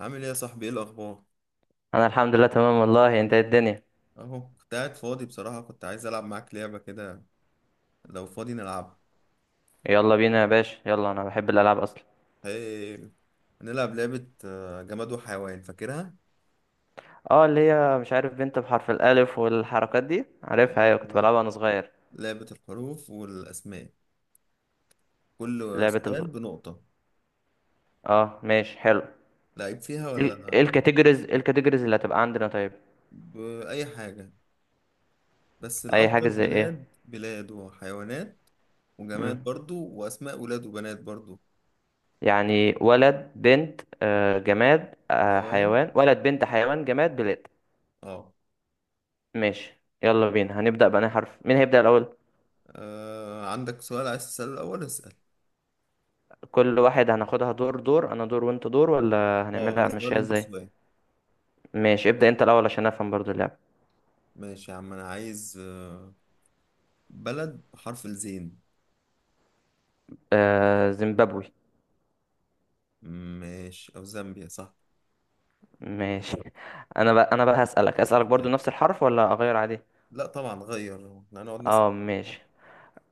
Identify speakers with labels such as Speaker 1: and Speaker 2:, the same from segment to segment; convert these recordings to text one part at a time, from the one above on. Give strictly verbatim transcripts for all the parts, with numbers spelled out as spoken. Speaker 1: عامل ايه يا صاحبي؟ ايه الاخبار؟
Speaker 2: انا الحمد لله تمام والله. انت إيه الدنيا؟
Speaker 1: اهو كنت قاعد فاضي بصراحة. كنت عايز العب معاك لعبة كده لو فاضي نلعبها.
Speaker 2: يلا بينا يا باشا، يلا، انا بحب الالعاب اصلا.
Speaker 1: هي هنلعب لعبة آه، جماد وحيوان، فاكرها؟
Speaker 2: اه، اللي هي مش عارف، بنت بحرف الالف والحركات دي عارفها. ايوه، كنت
Speaker 1: ايوه،
Speaker 2: بلعبها وانا صغير.
Speaker 1: لعبة الحروف والاسماء، كل
Speaker 2: لعبة
Speaker 1: سؤال
Speaker 2: ال...
Speaker 1: بنقطة.
Speaker 2: اه ماشي حلو.
Speaker 1: لعيب فيها
Speaker 2: ال- ايه
Speaker 1: ولا؟
Speaker 2: الكاتيجوريز، ايه الكاتيجوريز اللي هتبقى عندنا؟ طيب.
Speaker 1: بأي حاجة، بس
Speaker 2: اي
Speaker 1: الافضل
Speaker 2: حاجة زي ايه؟
Speaker 1: بلاد بلاد وحيوانات. وجماد
Speaker 2: مم.
Speaker 1: برضو، واسماء ولاد وبنات برضو.
Speaker 2: يعني ولد، بنت، آه جماد، آه
Speaker 1: حيوان،
Speaker 2: حيوان. ولد، بنت، حيوان، جماد، بلاد.
Speaker 1: اه.
Speaker 2: ماشي، يلا بينا، هنبدأ بأنهي حرف؟ مين هيبدأ الأول؟
Speaker 1: آه، عندك سؤال عايز تسأله الاول؟ اسأل.
Speaker 2: كل واحد هناخدها دور دور، انا دور وانت دور، ولا
Speaker 1: اه، انا
Speaker 2: هنعملها
Speaker 1: سؤال
Speaker 2: مشيها
Speaker 1: وانت
Speaker 2: ازاي؟
Speaker 1: سؤال.
Speaker 2: ماشي، ابدأ انت الأول عشان افهم برضو اللعب.
Speaker 1: ماشي يا عم، انا عايز آه، بلد بحرف الزين.
Speaker 2: آه، زيمبابوي.
Speaker 1: ماشي، او زامبيا، صح.
Speaker 2: ماشي انا بقى انا بقى هسألك، اسألك برضو نفس الحرف ولا اغير عليه؟
Speaker 1: لا طبعا، غير، احنا هنقعد نسأل.
Speaker 2: اه ماشي.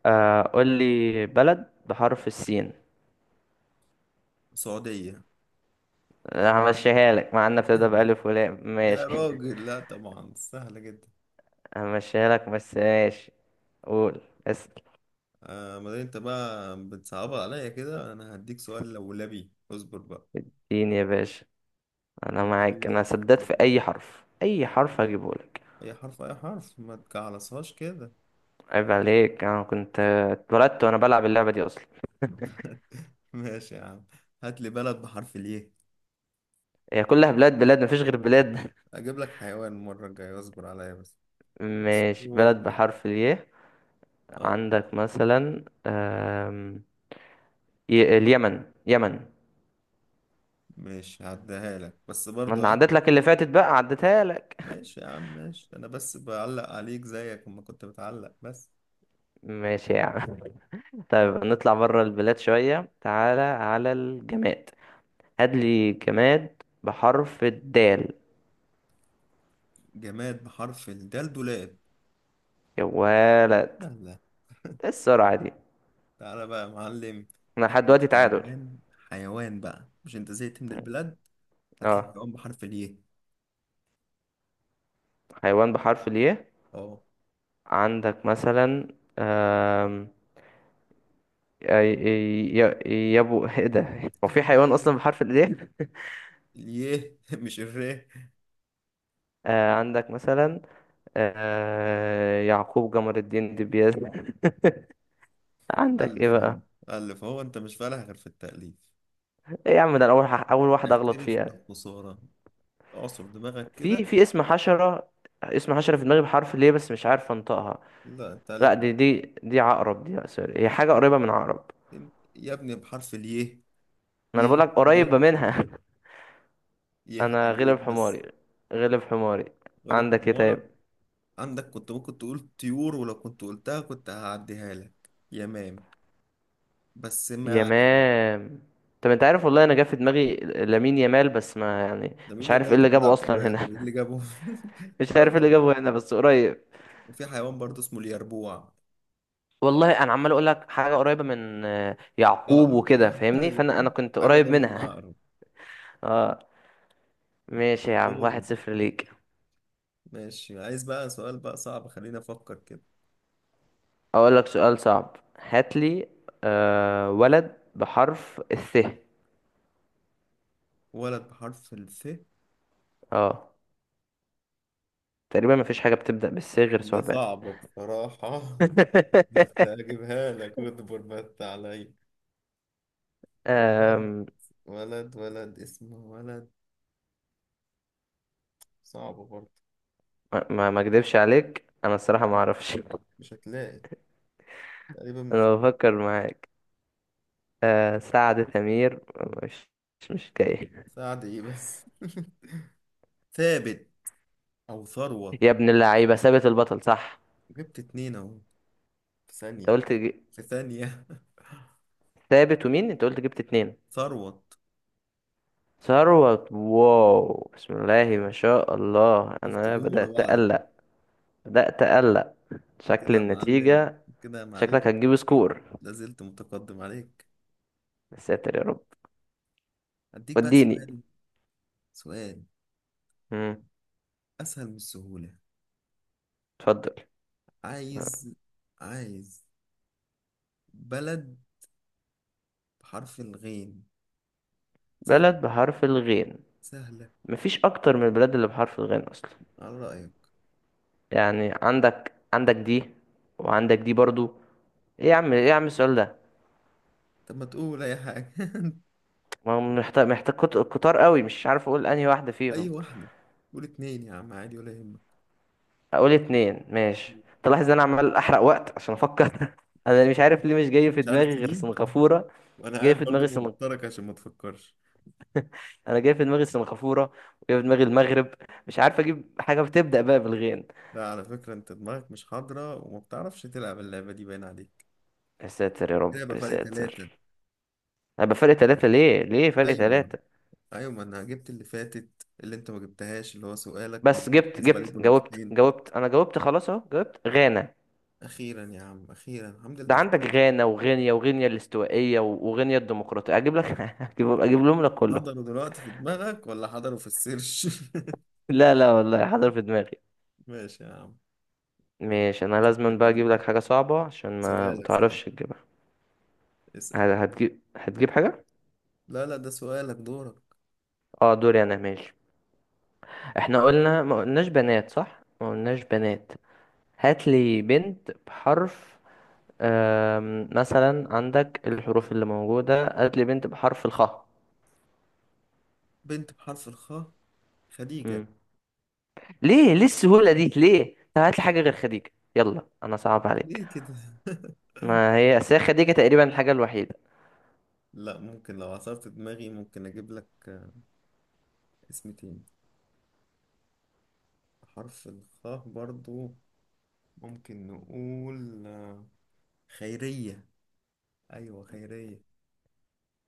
Speaker 2: آه، قول لي بلد بحرف السين.
Speaker 1: سعودية.
Speaker 2: لا، همشيها لك مع انها بتبدأ
Speaker 1: سهلة.
Speaker 2: بألف ولام.
Speaker 1: يا
Speaker 2: ماشي
Speaker 1: راجل، لا طبعا، سهلة جدا.
Speaker 2: همشيها لك، بس ماشي. قول. اسأل.
Speaker 1: آه، ما دام انت بقى بتصعبها عليا كده، انا هديك سؤال لولبي، اصبر بقى.
Speaker 2: سين يا باشا. انا معاك، انا
Speaker 1: عايز
Speaker 2: سددت. في اي حرف، اي حرف هجيبه لك.
Speaker 1: اي حرف، اي حرف، ما تجعلصهاش كده.
Speaker 2: عيب عليك، انا كنت اتولدت وانا بلعب اللعبة دي اصلا.
Speaker 1: ماشي يا عم، هات لي بلد بحرف اليه.
Speaker 2: هي كلها بلاد بلاد، مفيش غير بلاد
Speaker 1: اجيب لك حيوان المرة الجاية، اصبر عليا بس.
Speaker 2: ماشي، بلد
Speaker 1: اصبر.
Speaker 2: بحرف الياء.
Speaker 1: اه،
Speaker 2: عندك مثلا، آم، ي- اليمن، يمن.
Speaker 1: ماشي، هعديها لك بس
Speaker 2: ما
Speaker 1: برضه،
Speaker 2: انا
Speaker 1: اه.
Speaker 2: عدت لك اللي فاتت بقى، عدتها لك.
Speaker 1: ماشي يا عم، ماشي. انا بس بعلق عليك زيك اما كنت بتعلق بس.
Speaker 2: ماشي يا عم. طيب نطلع بره البلاد شوية، تعالى على الجماد. هات لي جماد بحرف الدال.
Speaker 1: جماد بحرف الدال: دولاب.
Speaker 2: يا ولد!
Speaker 1: لا، لا.
Speaker 2: ايه السرعة دي؟
Speaker 1: تعالى بقى يا معلم.
Speaker 2: احنا
Speaker 1: هات
Speaker 2: لحد
Speaker 1: لي
Speaker 2: دلوقتي تعادل.
Speaker 1: حيوان. حيوان بقى، مش انت زهقت من البلاد؟ هات لي
Speaker 2: اه،
Speaker 1: حيوان بحرف الياء.
Speaker 2: حيوان بحرف الياء.
Speaker 1: اه.
Speaker 2: عندك مثلا آم، ي- ي- ي- يابو ايه ده، هو في حيوان اصلا بحرف الياء؟
Speaker 1: الياء، مش الراء.
Speaker 2: آه، عندك مثلا آه، يعقوب، جمر الدين، دبيز عندك ايه
Speaker 1: الف،
Speaker 2: بقى؟
Speaker 1: الف، الف، هو انت مش فالح غير في التأليف؟
Speaker 2: ايه يا عم، ده أنا اول ح- اول واحده اغلط
Speaker 1: اعترف
Speaker 2: فيها.
Speaker 1: بالخسارة. اعصر دماغك
Speaker 2: في
Speaker 1: كده.
Speaker 2: في اسم حشره، اسم حشره في دماغي بحرف ليه بس مش عارف انطقها.
Speaker 1: لا، انت
Speaker 2: لا،
Speaker 1: عليك.
Speaker 2: دي دي دي عقرب دي، لا سوري، هي حاجه قريبه من عقرب.
Speaker 1: مرتين. يا ابني، بحرف الياء.
Speaker 2: ما انا بقول
Speaker 1: يه،
Speaker 2: لك
Speaker 1: يه،
Speaker 2: قريبه منها
Speaker 1: يه
Speaker 2: انا
Speaker 1: عليك
Speaker 2: غلب
Speaker 1: بس.
Speaker 2: حماري، غلب حماري.
Speaker 1: غير
Speaker 2: عندك ايه
Speaker 1: حمارك.
Speaker 2: طيب؟
Speaker 1: عندك، كنت ممكن تقول طيور، ولو كنت قلتها كنت هعديها لك، يمام. بس ما علينا.
Speaker 2: يمام. طب انت عارف، والله انا جا في دماغي لامين، يامال، بس ما يعني
Speaker 1: ده مين
Speaker 2: مش عارف ايه
Speaker 1: يمال؟ ده
Speaker 2: اللي جابه
Speaker 1: بيلعب كورة
Speaker 2: اصلا
Speaker 1: يا
Speaker 2: هنا.
Speaker 1: ابني، إيه اللي جابه؟
Speaker 2: مش
Speaker 1: لا
Speaker 2: عارف ايه اللي
Speaker 1: طبعا.
Speaker 2: جابه هنا، بس قريب.
Speaker 1: وفي حيوان برضه اسمه اليربوع.
Speaker 2: والله انا عمال اقول لك حاجه قريبه من آه، يعقوب
Speaker 1: عقرب،
Speaker 2: وكده، فاهمني،
Speaker 1: ايوه.
Speaker 2: فانا انا كنت
Speaker 1: حاجة
Speaker 2: قريب
Speaker 1: قريبة من
Speaker 2: منها
Speaker 1: عقرب.
Speaker 2: اه ماشي يا عم، واحد
Speaker 1: غيره.
Speaker 2: صفر ليك.
Speaker 1: ماشي، عايز بقى سؤال بقى صعب، خلينا افكر كده.
Speaker 2: اقول لك سؤال صعب، هات لي آه، ولد بحرف الث.
Speaker 1: ولد بحرف الف.
Speaker 2: اه. تقريبا مفيش حاجه بتبدا بالث غير
Speaker 1: هي
Speaker 2: ثعبان
Speaker 1: صعبة بصراحة. بس هجيبها لك، واصبر بس عليا. ولد،
Speaker 2: آم،
Speaker 1: ولد، ولد اسمه ولد. صعبة برضه.
Speaker 2: ما ما ما اكدبش عليك، انا الصراحه ما اعرفش
Speaker 1: مش هتلاقي. تقريبا
Speaker 2: انا
Speaker 1: مفيش.
Speaker 2: بفكر معاك. آه، سعد، ثمير. مش، مش مش جاي.
Speaker 1: سعد ايه بس؟ ثابت، او ثروت.
Speaker 2: يا ابن اللعيبه، ثابت البطل صح.
Speaker 1: جبت اتنين اهو. في
Speaker 2: انت
Speaker 1: ثانية.
Speaker 2: قلت
Speaker 1: في ثانية.
Speaker 2: ثابت ومين؟ انت قلت جبت اتنين.
Speaker 1: ثروت.
Speaker 2: ثروت؟ واو، بسم الله ما شاء الله،
Speaker 1: شفت؟
Speaker 2: انا
Speaker 1: جم ورا
Speaker 2: بدأت
Speaker 1: بعض كده.
Speaker 2: اقلق. بدأت اقلق.
Speaker 1: كده
Speaker 2: شكل
Speaker 1: يا معلم،
Speaker 2: النتيجة.
Speaker 1: كده يا
Speaker 2: شكلك
Speaker 1: معلم.
Speaker 2: هتجيب سكور.
Speaker 1: لازلت متقدم عليك.
Speaker 2: يا ساتر يا رب.
Speaker 1: هديك بقى
Speaker 2: وديني.
Speaker 1: سؤال. سؤال
Speaker 2: مم.
Speaker 1: اسهل من السهولة.
Speaker 2: اتفضل.
Speaker 1: عايز عايز بلد بحرف الغين.
Speaker 2: بلد
Speaker 1: سهلة.
Speaker 2: بحرف الغين.
Speaker 1: سهلة،
Speaker 2: مفيش اكتر من البلاد اللي بحرف الغين اصلا.
Speaker 1: على رأيك.
Speaker 2: يعني عندك عندك دي، وعندك دي برضو. ايه يا عم، ايه يا عم السؤال ده؟
Speaker 1: طب ما تقول اي حاجة.
Speaker 2: ما هو محتاج محتاج كت- كتار قوي. مش عارف اقول انهي واحدة
Speaker 1: اي
Speaker 2: فيهم.
Speaker 1: واحدة. قول اتنين يا عم، عادي ولا يهمك.
Speaker 2: هقول اتنين، ماشي. تلاحظ ان انا عمال احرق وقت عشان افكر انا مش عارف ليه مش جاي في
Speaker 1: مش عارف
Speaker 2: دماغي غير
Speaker 1: تجيب؟
Speaker 2: سنغافورة.
Speaker 1: وانا
Speaker 2: جاي
Speaker 1: قاعد
Speaker 2: في
Speaker 1: برضه
Speaker 2: دماغي سنغ...
Speaker 1: بوترك عشان ما تفكرش.
Speaker 2: انا جاي في دماغي سنغافورة، وجاي في دماغي المغرب. مش عارف اجيب حاجة بتبدأ بقى بالغين.
Speaker 1: لا، على فكرة انت دماغك مش حاضرة، وما بتعرفش تلعب اللعبة دي، باين عليك.
Speaker 2: يا ساتر يا رب،
Speaker 1: لعبة
Speaker 2: يا
Speaker 1: فرق ثلاثة.
Speaker 2: ساتر. انا بفرق ثلاثة؟ ليه ليه فرق
Speaker 1: ايوه،
Speaker 2: ثلاثة؟
Speaker 1: ايوه، ما انا جبت اللي فاتت، اللي انت ما جبتهاش، اللي هو سؤالك،
Speaker 2: بس
Speaker 1: ومفروض
Speaker 2: جبت
Speaker 1: تحسب عليك
Speaker 2: جبت جاوبت
Speaker 1: بنقطتين.
Speaker 2: جاوبت انا جاوبت، خلاص اهو، جاوبت غانا.
Speaker 1: اخيرا يا عم، اخيرا، الحمد
Speaker 2: ده
Speaker 1: لله.
Speaker 2: عندك غانا، وغينيا، وغينيا الاستوائية، و- وغينيا الديمقراطية. اجيب لك اجيب، أجيب لهم لك كله.
Speaker 1: حضروا دلوقتي في دماغك ولا حضروا في السيرش؟
Speaker 2: لا لا، والله حاضر في دماغي.
Speaker 1: ماشي يا عم.
Speaker 2: ماشي، انا لازم
Speaker 1: لك
Speaker 2: بقى
Speaker 1: انا
Speaker 2: اجيب
Speaker 1: بقى.
Speaker 2: لك حاجه صعبه عشان ما
Speaker 1: سؤالك صحيح.
Speaker 2: متعرفش تجيبها.
Speaker 1: اسأل.
Speaker 2: ه- هتجيب هتجيب حاجه.
Speaker 1: لا، لا، ده سؤالك دورك.
Speaker 2: اه دوري انا، ماشي. احنا قلنا ما قلناش بنات، صح؟ ما قلناش بنات. هات لي بنت بحرف آم، مثلا، عندك الحروف اللي موجوده. هات لي بنت بحرف الخاء.
Speaker 1: بنت بحرف الخاء. خديجة.
Speaker 2: مم. ليه ليه السهوله دي ليه؟ طب هات لي حاجه غير خديجه، يلا، انا صعب عليك.
Speaker 1: ليه كده؟
Speaker 2: ما هي أصل هي خديجه تقريبا الحاجه الوحيده.
Speaker 1: لا، ممكن لو عصرت دماغي ممكن اجيب لك اسم تاني. حرف الخاء برضو. ممكن نقول آه، خيرية. ايوه، خيرية.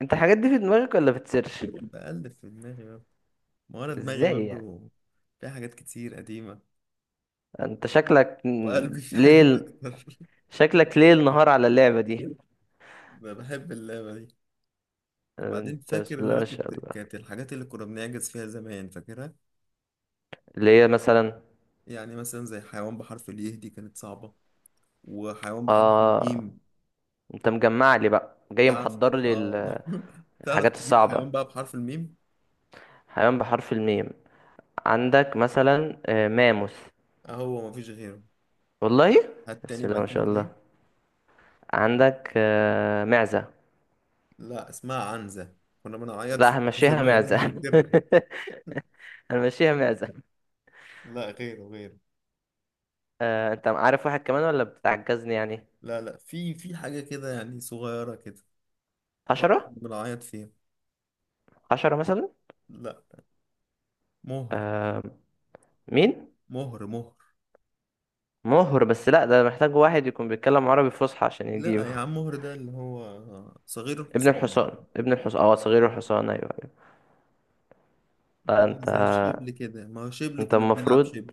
Speaker 2: انت الحاجات دي في دماغك ولا بتسيرش؟
Speaker 1: بقلب في دماغي برضو. ما هو انا دماغي
Speaker 2: ازاي يعني؟
Speaker 1: برضو. في حاجات كتير قديمة.
Speaker 2: انت شكلك م-
Speaker 1: وقلبي في حاجات
Speaker 2: ليه.
Speaker 1: اكتر.
Speaker 2: شكلك ليل نهار على اللعبة دي.
Speaker 1: أنا بحب اللعبة دي. وبعدين
Speaker 2: انت
Speaker 1: فاكر
Speaker 2: بسم
Speaker 1: اللي
Speaker 2: الله
Speaker 1: انا
Speaker 2: ما شاء
Speaker 1: كنت،
Speaker 2: الله.
Speaker 1: كانت الحاجات اللي كنا بنعجز فيها زمان، فاكرها.
Speaker 2: اللي هي مثلا.
Speaker 1: يعني مثلا زي حيوان بحرف اليه، دي كانت صعبة. وحيوان بحرف
Speaker 2: اه.
Speaker 1: الميم.
Speaker 2: انت مجمع لي بقى، جاي
Speaker 1: تعرف؟
Speaker 2: محضر لي
Speaker 1: اه.
Speaker 2: ال-
Speaker 1: تعرف
Speaker 2: الحاجات
Speaker 1: تجيب
Speaker 2: الصعبة.
Speaker 1: حيوان بقى بحرف الميم؟
Speaker 2: حيوان بحرف الميم. عندك مثلا آه، ماموث.
Speaker 1: اهو مفيش غيره.
Speaker 2: والله.
Speaker 1: هات تاني
Speaker 2: بسم الله
Speaker 1: بقى
Speaker 2: ما
Speaker 1: كده
Speaker 2: شاء الله.
Speaker 1: طيب.
Speaker 2: عندك آه، معزة.
Speaker 1: لا، اسمها عنزة. كنا بنعيط
Speaker 2: لا،
Speaker 1: فيها في
Speaker 2: همشيها
Speaker 1: زمان
Speaker 2: معزة
Speaker 1: كده.
Speaker 2: همشيها معزة.
Speaker 1: لا، غيره غيره.
Speaker 2: آه، انت عارف واحد كمان ولا بتعجزني يعني؟
Speaker 1: لا، لا، في في حاجة كده يعني صغيرة كده. برضه
Speaker 2: حشرة.
Speaker 1: كنا بنعيط فيها.
Speaker 2: حشرة مثلا.
Speaker 1: لا. مهر.
Speaker 2: آه. مين؟
Speaker 1: مهر، مهر.
Speaker 2: مهر؟ بس لا ده محتاج واحد يكون بيتكلم عربي فصحى عشان
Speaker 1: لا
Speaker 2: يجيبه.
Speaker 1: يا عم، مهر ده اللي هو صغير
Speaker 2: ابن
Speaker 1: الحصان.
Speaker 2: الحصان، ابن الحصان، اه، صغير الحصان، ايوه ايوه. لا
Speaker 1: يعني
Speaker 2: انت،
Speaker 1: زي الشبل كده، ما هو شبل
Speaker 2: انت
Speaker 1: كنا بنلعب
Speaker 2: المفروض،
Speaker 1: شبل.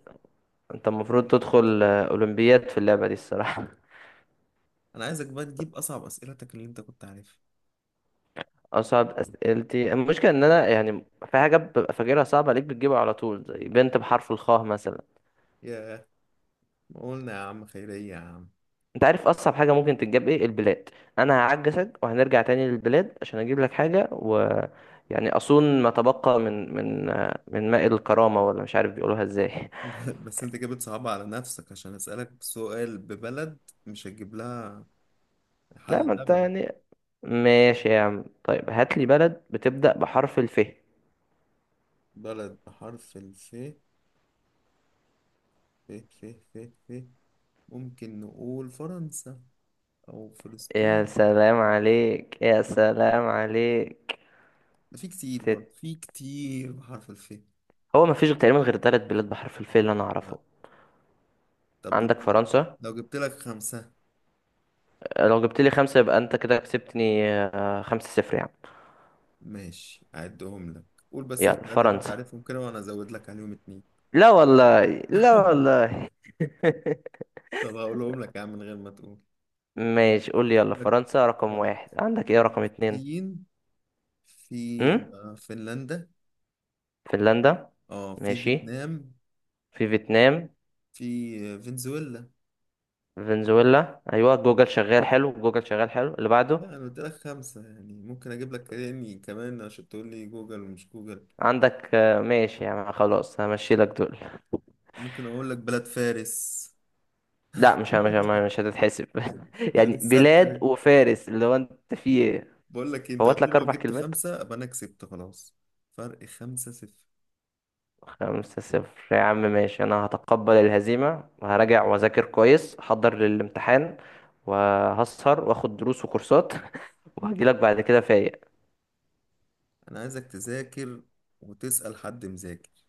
Speaker 2: انت المفروض
Speaker 1: كنا بنلعب
Speaker 2: تدخل
Speaker 1: شبل.
Speaker 2: آه، اولمبياد في اللعبه دي الصراحه
Speaker 1: انا عايزك بقى تجيب اصعب اسئلتك اللي انت كنت عارفها.
Speaker 2: اصعب اسئلتي، المشكله ان انا يعني في حاجه ببقى فاكرها صعبه عليك بتجيبها على طول، زي بنت بحرف الخاء مثلا.
Speaker 1: ياه. قولنا يا عم خيرية يا عم.
Speaker 2: انت عارف اصعب حاجه ممكن تتجاب ايه؟ البلاد. انا هعجزك وهنرجع تاني للبلاد عشان اجيب لك حاجه، و يعني اصون ما تبقى من من آه، من ماء الكرامه، ولا مش عارف بيقولوها ازاي.
Speaker 1: بس انت كده بتصعب على نفسك، عشان اسألك سؤال ببلد مش هتجيب لها
Speaker 2: لا،
Speaker 1: حل
Speaker 2: ما انت
Speaker 1: ابدا.
Speaker 2: يعني. ماشي يا عم، طيب هات لي بلد بتبدأ بحرف الف.
Speaker 1: بلد بحرف الف، ف ف ف ف ممكن نقول فرنسا، او
Speaker 2: يا
Speaker 1: فلسطين.
Speaker 2: سلام عليك، يا سلام عليك.
Speaker 1: ده في كتير برضه،
Speaker 2: تت...
Speaker 1: في كتير بحرف الف.
Speaker 2: هو مفيش تقريبا غير ثلاث بلاد بحرف الف اللي انا
Speaker 1: لا.
Speaker 2: اعرفه.
Speaker 1: طب لو
Speaker 2: عندك فرنسا.
Speaker 1: لو جبت لك خمسة.
Speaker 2: آه، لو جبت لي خمسة يبقى انت كده كسبتني، آه، خمسة صفر يعني.
Speaker 1: ماشي، اعدهم لك. قول بس
Speaker 2: يلا
Speaker 1: الثلاثة اللي انت
Speaker 2: فرنسا.
Speaker 1: عارفهم كده، وانا ازود لك عليهم اتنين.
Speaker 2: لا والله، لا والله.
Speaker 1: طب هقولهم لك يا عم من غير ما تقول.
Speaker 2: ماشي، قول لي. يلا
Speaker 1: لك:
Speaker 2: فرنسا رقم واحد،
Speaker 1: فرنسا،
Speaker 2: عندك ايه رقم اتنين؟
Speaker 1: الصين، في
Speaker 2: امم
Speaker 1: فنلندا،
Speaker 2: فنلندا.
Speaker 1: اه، في
Speaker 2: ماشي.
Speaker 1: فيتنام،
Speaker 2: في فيتنام.
Speaker 1: في فنزويلا.
Speaker 2: فنزويلا. ايوه، جوجل شغال حلو، جوجل شغال حلو. اللي بعده؟
Speaker 1: لا، انا قلت لك خمسة يعني ممكن اجيب لك يعني كمان، عشان تقول لي جوجل ومش جوجل.
Speaker 2: عندك آه، ماشي يعني خلاص، همشي لك دول.
Speaker 1: ممكن اقول لك بلاد فارس.
Speaker 2: لا، مش مش مش هتتحسب
Speaker 1: ادي
Speaker 2: يعني
Speaker 1: الستة.
Speaker 2: بلاد
Speaker 1: أهي.
Speaker 2: وفارس، اللي هو انت فيه ايه؟
Speaker 1: بقول لك إيه، انت
Speaker 2: فوت
Speaker 1: قلت لي
Speaker 2: لك
Speaker 1: لو
Speaker 2: اربع
Speaker 1: جبت
Speaker 2: كلمات.
Speaker 1: خمسة ابقى انا كسبت خلاص. فرق خمسة صفر.
Speaker 2: خمسة صفر يا عم، ماشي. انا هتقبل الهزيمة وهراجع واذاكر كويس، احضر للامتحان. وهسهر واخد دروس وكورسات وهجيلك بعد كده فايق.
Speaker 1: انا عايزك تذاكر، وتسأل حد مذاكر.